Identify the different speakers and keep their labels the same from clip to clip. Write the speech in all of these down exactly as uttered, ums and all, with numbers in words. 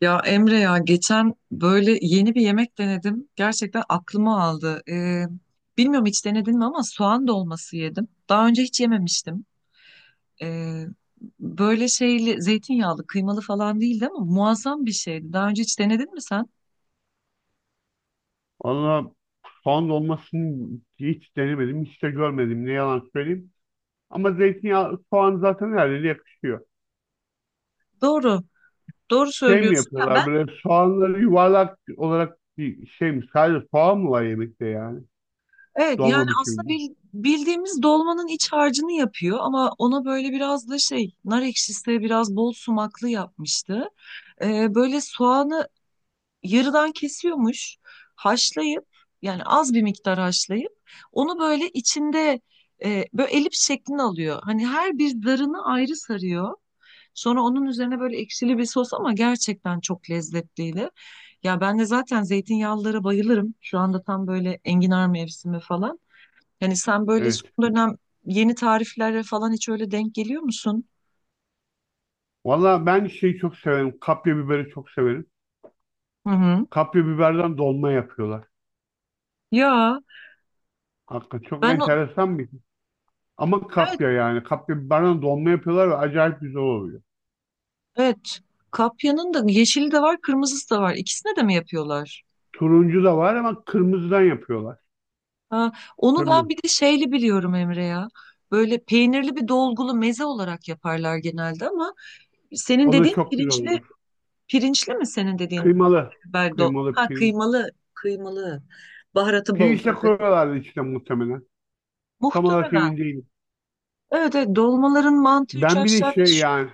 Speaker 1: Ya Emre ya, geçen böyle yeni bir yemek denedim. Gerçekten aklıma aldı. Ee, bilmiyorum, hiç denedin mi, ama soğan dolması yedim. Daha önce hiç yememiştim. Ee, Böyle şeyli, zeytinyağlı, kıymalı falan değildi ama muazzam bir şeydi. Daha önce hiç denedin mi sen?
Speaker 2: Valla soğan dolmasını hiç denemedim, hiç de görmedim. Ne yalan söyleyeyim. Ama zeytinyağı, soğan zaten her yere yakışıyor.
Speaker 1: Doğru. Doğru
Speaker 2: Şey mi
Speaker 1: söylüyorsun. Ya ben.
Speaker 2: yapıyorlar böyle soğanları yuvarlak olarak bir şey mi? Sadece soğan mı var yemekte yani?
Speaker 1: Evet, yani
Speaker 2: Dolma
Speaker 1: aslında
Speaker 2: biçiminde.
Speaker 1: bil- bildiğimiz dolmanın iç harcını yapıyor ama ona böyle biraz da şey, nar ekşisi, biraz bol sumaklı yapmıştı. Ee, böyle soğanı yarıdan kesiyormuş, haşlayıp, yani az bir miktar haşlayıp onu böyle içinde, e, böyle elips şeklini alıyor. Hani her bir zarını ayrı sarıyor. Sonra onun üzerine böyle ekşili bir sos, ama gerçekten çok lezzetliydi. Ya ben de zaten zeytinyağlılara bayılırım. Şu anda tam böyle enginar mevsimi falan. Yani sen böyle son
Speaker 2: Evet.
Speaker 1: dönem yeni tariflere falan hiç öyle denk geliyor musun?
Speaker 2: Valla ben şeyi çok severim. Kapya biberi çok severim.
Speaker 1: Hı hı.
Speaker 2: Kapya biberden dolma yapıyorlar.
Speaker 1: Ya
Speaker 2: Hakikaten çok
Speaker 1: ben o-,
Speaker 2: enteresan bir şey. Ama
Speaker 1: evet,
Speaker 2: kapya yani. Kapya biberden dolma yapıyorlar ve acayip güzel oluyor.
Speaker 1: evet, kapyanın da yeşili de var, kırmızısı da var. İkisine de mi yapıyorlar?
Speaker 2: Turuncu da var ama kırmızıdan yapıyorlar.
Speaker 1: Ha, onu ben
Speaker 2: Kırmızı.
Speaker 1: bir de şeyli biliyorum Emre ya. Böyle peynirli bir dolgulu meze olarak yaparlar genelde, ama senin
Speaker 2: O da
Speaker 1: dediğin
Speaker 2: çok güzel
Speaker 1: pirinçli,
Speaker 2: olur.
Speaker 1: pirinçli mi senin dediğin kapya
Speaker 2: Kıymalı.
Speaker 1: biber, do
Speaker 2: Kıymalı
Speaker 1: ha,
Speaker 2: pirinç.
Speaker 1: kıymalı, kıymalı, baharatı bol
Speaker 2: Pirinç de
Speaker 1: tabii.
Speaker 2: koyuyorlardı içine muhtemelen. Tam olarak
Speaker 1: Muhtemelen.
Speaker 2: emin değilim.
Speaker 1: Evet, evet, dolmaların mantığı üç
Speaker 2: Ben bir de
Speaker 1: aşağı
Speaker 2: şey
Speaker 1: beş yukarı.
Speaker 2: yani.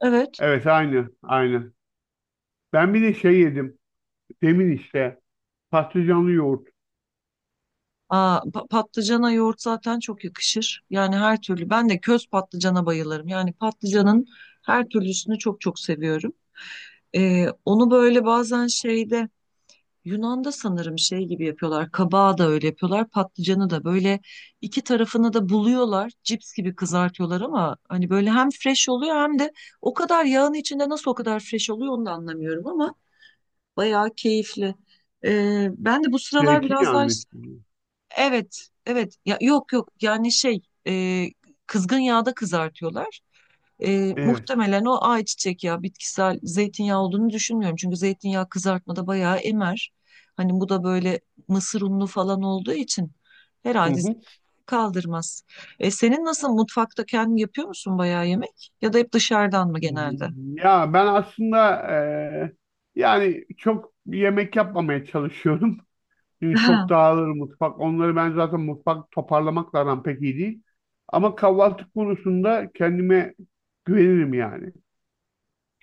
Speaker 1: Evet.
Speaker 2: Evet, aynı. Aynı. Ben bir de şey yedim. Demin işte. Patlıcanlı yoğurt.
Speaker 1: Aa, pa- patlıcana yoğurt zaten çok yakışır. Yani her türlü. Ben de köz patlıcana bayılırım. Yani patlıcanın her türlüsünü çok çok seviyorum. Ee, onu böyle bazen şeyde, Yunan'da sanırım şey gibi yapıyorlar. Kabağı da öyle yapıyorlar. Patlıcanı da böyle iki tarafını da buluyorlar. Cips gibi kızartıyorlar ama hani böyle hem fresh oluyor hem de o kadar yağın içinde nasıl o kadar fresh oluyor onu da anlamıyorum, ama bayağı keyifli. Ee, ben de bu sıralar biraz daha.
Speaker 2: Zeytinyağlı içinde.
Speaker 1: Evet, evet. Ya, yok yok, yani şey, e, kızgın yağda kızartıyorlar. E,
Speaker 2: Evet.
Speaker 1: muhtemelen o ayçiçek yağı, bitkisel. Zeytinyağı olduğunu düşünmüyorum, çünkü zeytinyağı kızartmada bayağı emer. Hani bu da böyle mısır unlu falan olduğu için
Speaker 2: Hı
Speaker 1: herhalde
Speaker 2: hı.
Speaker 1: kaldırmaz. E, senin nasıl, mutfakta kendin yapıyor musun bayağı yemek? Ya da hep dışarıdan mı genelde?
Speaker 2: Ya ben aslında eee, yani çok yemek yapmamaya çalışıyorum. Çünkü çok dağılır mutfak. Onları ben zaten mutfak toparlamakla aram pek iyi değil. Ama kahvaltı konusunda kendime güvenirim yani.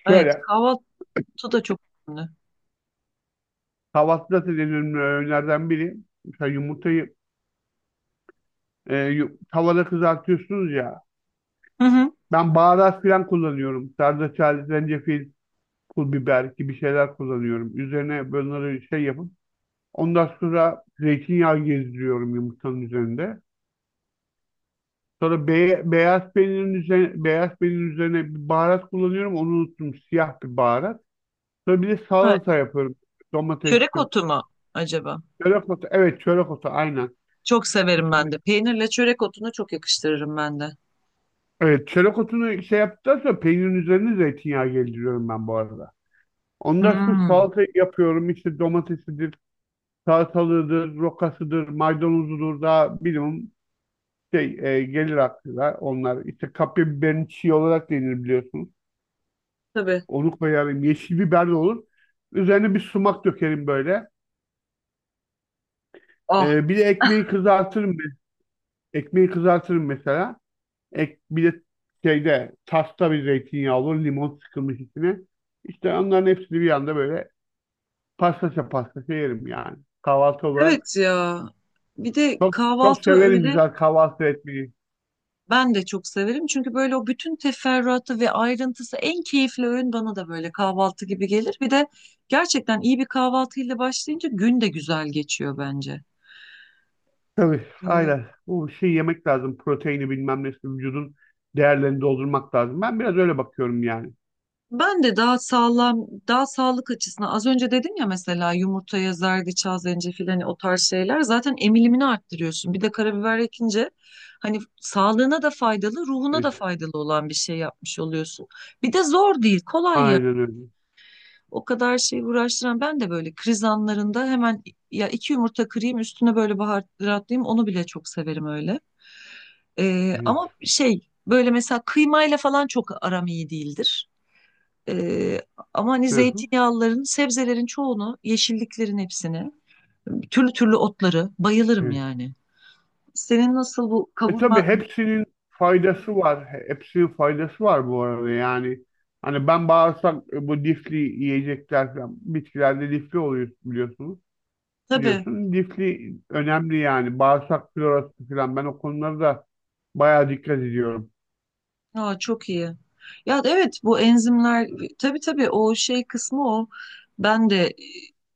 Speaker 1: Evet,
Speaker 2: Şöyle,
Speaker 1: kahvaltı da çok önemli.
Speaker 2: kahvaltıda da denediğim öğünlerden biri. Mesela yumurtayı e, yu- tavada kızartıyorsunuz ya.
Speaker 1: Hı hı.
Speaker 2: Ben baharat falan kullanıyorum. Zerdeçal, zencefil, pul biber gibi şeyler kullanıyorum. Üzerine bunları şey yapıp ondan sonra zeytinyağı gezdiriyorum yumurtanın üzerinde. Sonra be- beyaz peynirin üzerine, beyaz peynirin üzerine bir baharat kullanıyorum. Onu unuttum. Siyah bir baharat. Sonra bir de
Speaker 1: Evet.
Speaker 2: salata yapıyorum.
Speaker 1: Çörek
Speaker 2: Domatesli.
Speaker 1: otu mu acaba?
Speaker 2: Çörek otu. Evet, çörek otu aynen.
Speaker 1: Çok severim ben de. Peynirle çörek otunu çok yakıştırırım ben de.
Speaker 2: Evet, çörek otunu şey yaptıktan sonra peynirin üzerine zeytinyağı gezdiriyorum ben bu arada. Ondan sonra
Speaker 1: Hmm.
Speaker 2: salata yapıyorum. İşte domatesidir, salatalığıdır, rokasıdır, maydanozudur da minimum şey e, gelir aklına onlar. İşte kapya biberin çiğ olarak denir biliyorsunuz.
Speaker 1: Tabii.
Speaker 2: Onu koyarım. Yeşil biber de olur. Üzerine bir sumak dökerim böyle.
Speaker 1: Ah,
Speaker 2: E, bir de ekmeği kızartırım ben. Ekmeği kızartırım mesela. Ek, bir de şeyde tasta bir zeytinyağı olur. Limon sıkılmış içine. İşte onların hepsini bir anda böyle pastaça pastaça yerim yani. Kahvaltı olarak.
Speaker 1: evet ya. Bir de
Speaker 2: Çok, çok
Speaker 1: kahvaltı
Speaker 2: severim
Speaker 1: öyle,
Speaker 2: güzel kahvaltı etmeyi.
Speaker 1: ben de çok severim. Çünkü böyle o bütün teferruatı ve ayrıntısı, en keyifli öğün bana da böyle kahvaltı gibi gelir. Bir de gerçekten iyi bir kahvaltıyla başlayınca gün de güzel geçiyor bence.
Speaker 2: Tabii
Speaker 1: Ee,
Speaker 2: aynen. Bu şey, yemek lazım. Proteini bilmem nesi. Vücudun değerlerini doldurmak lazım. Ben biraz öyle bakıyorum yani.
Speaker 1: Ben de daha sağlam, daha sağlık açısından, az önce dedim ya, mesela yumurtaya zerdeçal, zencefil, hani o tarz şeyler zaten emilimini arttırıyorsun. Bir de karabiber ekince hani sağlığına da faydalı, ruhuna da
Speaker 2: Evet.
Speaker 1: faydalı olan bir şey yapmış oluyorsun. Bir de zor değil, kolay ya.
Speaker 2: Aynen öyle.
Speaker 1: O kadar şey uğraştıran, ben de böyle kriz anlarında hemen, ya iki yumurta kırayım üstüne böyle baharatlayayım, onu bile çok severim öyle. Ee,
Speaker 2: Evet.
Speaker 1: ama şey, böyle mesela kıymayla falan çok aram iyi değildir. Ee, Ama hani
Speaker 2: Hı hı.
Speaker 1: zeytinyağlıların, sebzelerin çoğunu, yeşilliklerin hepsini, türlü türlü otları bayılırım
Speaker 2: Evet.
Speaker 1: yani. Senin nasıl bu
Speaker 2: E
Speaker 1: kavurma?
Speaker 2: tabii,
Speaker 1: Hani,
Speaker 2: hepsinin faydası var. Hepsinin faydası var bu arada yani. Hani ben bağırsak, e, bu lifli yiyecekler falan. Bitkilerde lifli oluyor biliyorsunuz.
Speaker 1: tabii.
Speaker 2: Biliyorsun, lifli önemli yani. Bağırsak florası falan. Ben o konulara da bayağı dikkat ediyorum.
Speaker 1: Aa, çok iyi. Ya evet, bu enzimler, tabii, tabii, o şey kısmı o. Ben de e,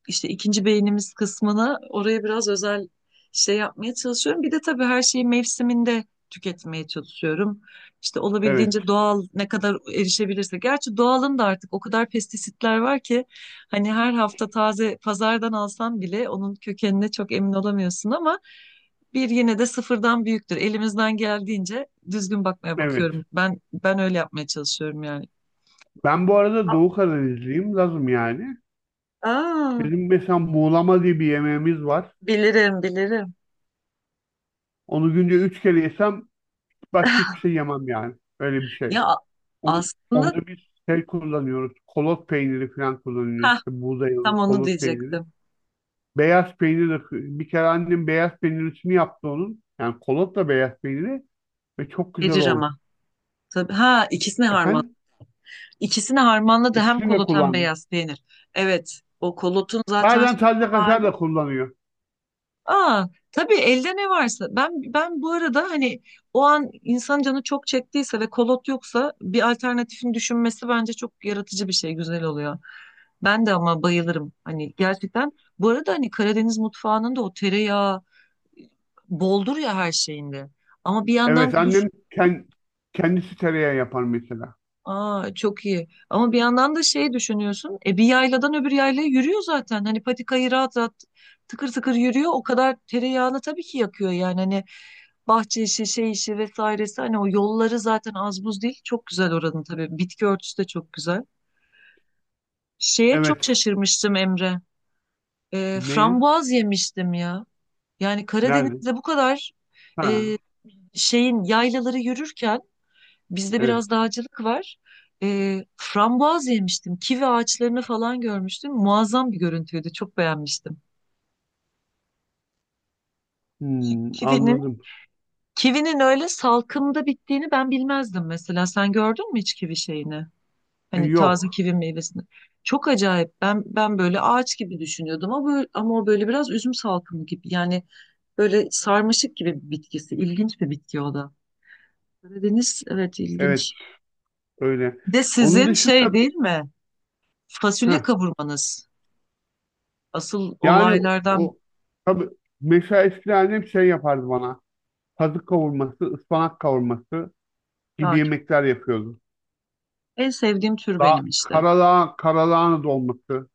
Speaker 1: işte ikinci beynimiz kısmını oraya biraz özel şey yapmaya çalışıyorum. Bir de tabii her şeyi mevsiminde tüketmeye çalışıyorum. İşte
Speaker 2: Evet.
Speaker 1: olabildiğince doğal, ne kadar erişebilirse. Gerçi doğalın da artık o kadar pestisitler var ki hani her hafta taze pazardan alsan bile onun kökenine çok emin olamıyorsun, ama bir yine de sıfırdan büyüktür. Elimizden geldiğince düzgün bakmaya
Speaker 2: Evet.
Speaker 1: bakıyorum. Ben ben öyle yapmaya çalışıyorum yani.
Speaker 2: Ben bu arada
Speaker 1: A-
Speaker 2: Doğu Karadenizliyim. Lazım yani.
Speaker 1: Aa,
Speaker 2: Bizim mesela muğlama diye bir yemeğimiz var.
Speaker 1: bilirim, bilirim.
Speaker 2: Onu günde üç kere yesem başka hiçbir şey yemem yani. Öyle bir şey.
Speaker 1: Ya a-
Speaker 2: On,
Speaker 1: Aslında,
Speaker 2: onda bir şey kullanıyoruz. Kolot peyniri falan kullanıyoruz.
Speaker 1: ha,
Speaker 2: İşte buğday
Speaker 1: tam onu
Speaker 2: kolot peyniri.
Speaker 1: diyecektim.
Speaker 2: Beyaz peynir de, bir kere annem beyaz peynirisini yaptı onun. Yani kolotla beyaz peyniri ve çok güzel
Speaker 1: Verir
Speaker 2: oldu.
Speaker 1: ama. Tabii, ha, ikisini harman.
Speaker 2: Efendim?
Speaker 1: İkisini harmanladı, hem
Speaker 2: İkisini de
Speaker 1: kolot hem
Speaker 2: kullandım.
Speaker 1: beyaz peynir. Evet. O kolotun zaten son
Speaker 2: Bazen taze kaşar
Speaker 1: hali.
Speaker 2: da kullanıyor.
Speaker 1: Aa, tabii, elde ne varsa. Ben ben bu arada hani, o an insan canı çok çektiyse ve kolot yoksa, bir alternatifin düşünmesi bence çok yaratıcı bir şey, güzel oluyor. Ben de ama bayılırım. Hani gerçekten, bu arada hani Karadeniz mutfağının da o tereyağı boldur ya her şeyinde. Ama bir yandan
Speaker 2: Evet,
Speaker 1: da
Speaker 2: annem
Speaker 1: düşün.
Speaker 2: kend, kendisi tereyağı yapar mesela.
Speaker 1: Aa, çok iyi. Ama bir yandan da şey düşünüyorsun. E bir yayladan öbür yaylaya yürüyor zaten. Hani patikayı rahat rahat, tıkır tıkır yürüyor. O kadar tereyağını tabii ki yakıyor yani. Hani bahçe işi, şey işi vesairesi. Hani o yolları zaten az buz değil. Çok güzel oranın tabii. Bitki örtüsü de çok güzel. Şeye çok
Speaker 2: Evet.
Speaker 1: şaşırmıştım Emre. E,
Speaker 2: Ne ya?
Speaker 1: frambuaz yemiştim ya. Yani
Speaker 2: Nerede?
Speaker 1: Karadeniz'de bu kadar, e,
Speaker 2: Ha,
Speaker 1: şeyin yaylaları yürürken. Bizde
Speaker 2: evet.
Speaker 1: biraz dağcılık var. Ee, frambuaz yemiştim. Kivi ağaçlarını falan görmüştüm. Muazzam bir görüntüydü. Çok beğenmiştim. Ki-
Speaker 2: Hmm,
Speaker 1: Kivinin
Speaker 2: anladım.
Speaker 1: kivinin öyle salkımda bittiğini ben bilmezdim mesela. Sen gördün mü hiç kivi şeyini?
Speaker 2: E,
Speaker 1: Hani taze
Speaker 2: yok.
Speaker 1: kivi meyvesini. Çok acayip. Ben ben böyle ağaç gibi düşünüyordum ama böyle- ama o böyle biraz üzüm salkımı gibi. Yani böyle sarmaşık gibi bir bitkisi. İlginç bir bitki o da. Karadeniz, evet,
Speaker 2: Evet,
Speaker 1: ilginç.
Speaker 2: öyle.
Speaker 1: Bir de
Speaker 2: Onun
Speaker 1: sizin
Speaker 2: dışında
Speaker 1: şey değil mi? Fasulye
Speaker 2: bir-
Speaker 1: kavurmanız. Asıl
Speaker 2: Yani o
Speaker 1: olaylardan
Speaker 2: o- tabii, mesela eskiden annem şey yapardı bana. Kazık kavurması, ıspanak kavurması gibi
Speaker 1: daha çok.
Speaker 2: yemekler yapıyordu.
Speaker 1: En sevdiğim tür
Speaker 2: Daha
Speaker 1: benim işte.
Speaker 2: karalağ, karalağın dolması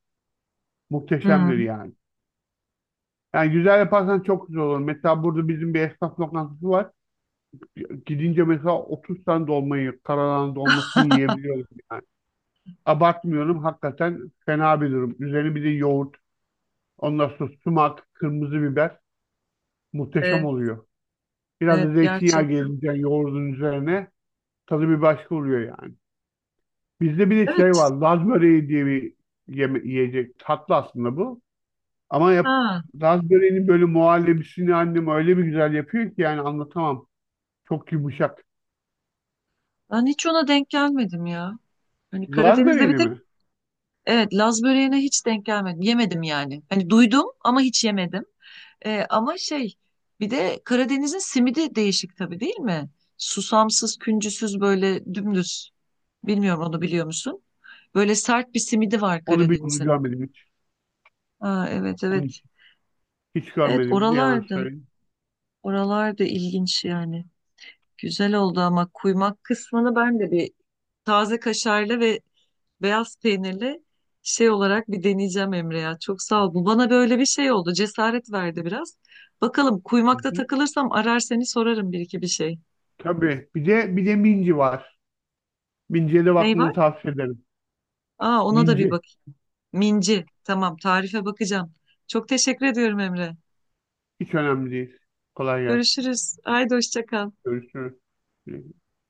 Speaker 2: muhteşemdir
Speaker 1: Hmm.
Speaker 2: yani. Yani güzel yaparsan çok güzel olur. Mesela burada bizim bir esnaf lokantası var. Gidince mesela otuz tane dolmayı, karalağın dolmasını yiyebiliyorum yani. Abartmıyorum, hakikaten fena bir durum. Üzerine bir de yoğurt, ondan sonra sumak, kırmızı biber muhteşem
Speaker 1: Evet,
Speaker 2: oluyor. Biraz
Speaker 1: evet,
Speaker 2: da zeytinyağı
Speaker 1: gerçekten.
Speaker 2: gelince yoğurdun üzerine tadı bir başka oluyor yani. Bizde bir de şey
Speaker 1: Evet.
Speaker 2: var. Laz böreği diye bir yeme- yiyecek. Tatlı aslında bu. Ama yap,
Speaker 1: Ha.
Speaker 2: Laz böreğinin böyle muhallebisini annem öyle bir güzel yapıyor ki yani anlatamam. Çok yumuşak.
Speaker 1: Ben hiç ona denk gelmedim ya. Hani
Speaker 2: Laz
Speaker 1: Karadeniz'de bir
Speaker 2: böreğini
Speaker 1: tek,
Speaker 2: mi?
Speaker 1: evet, Laz böreğine hiç denk gelmedim. Yemedim yani. Hani duydum ama hiç yemedim. Ee, ama şey, bir de Karadeniz'in simidi değişik, tabii, değil mi? Susamsız, küncüsüz, böyle dümdüz. Bilmiyorum, onu biliyor musun? Böyle sert bir simidi var
Speaker 2: Onu bir onu
Speaker 1: Karadeniz'in.
Speaker 2: görmedim hiç.
Speaker 1: Ha, evet,
Speaker 2: Onu
Speaker 1: evet.
Speaker 2: hiç, hiç
Speaker 1: Evet,
Speaker 2: görmedim. Ne yalan
Speaker 1: oralarda.
Speaker 2: söyleyeyim.
Speaker 1: Oralar da ilginç yani. Güzel oldu ama kuymak kısmını ben de bir taze kaşarlı ve beyaz peynirli şey olarak bir deneyeceğim Emre ya. Çok sağ ol. Bu bana böyle bir şey oldu. Cesaret verdi biraz. Bakalım,
Speaker 2: Hı
Speaker 1: kuymakta
Speaker 2: hı.
Speaker 1: takılırsam arar seni, sorarım bir iki bir şey.
Speaker 2: Tabii. Bir de bir de minci var. Minciye de
Speaker 1: Ney var?
Speaker 2: bakmanı tavsiye ederim.
Speaker 1: Aa, ona da bir
Speaker 2: Minci.
Speaker 1: bak. Minci. Tamam, tarife bakacağım. Çok teşekkür ediyorum Emre.
Speaker 2: Hiç önemli değil. Kolay gelsin.
Speaker 1: Görüşürüz. Haydi, hoşça kal.
Speaker 2: Görüşürüz.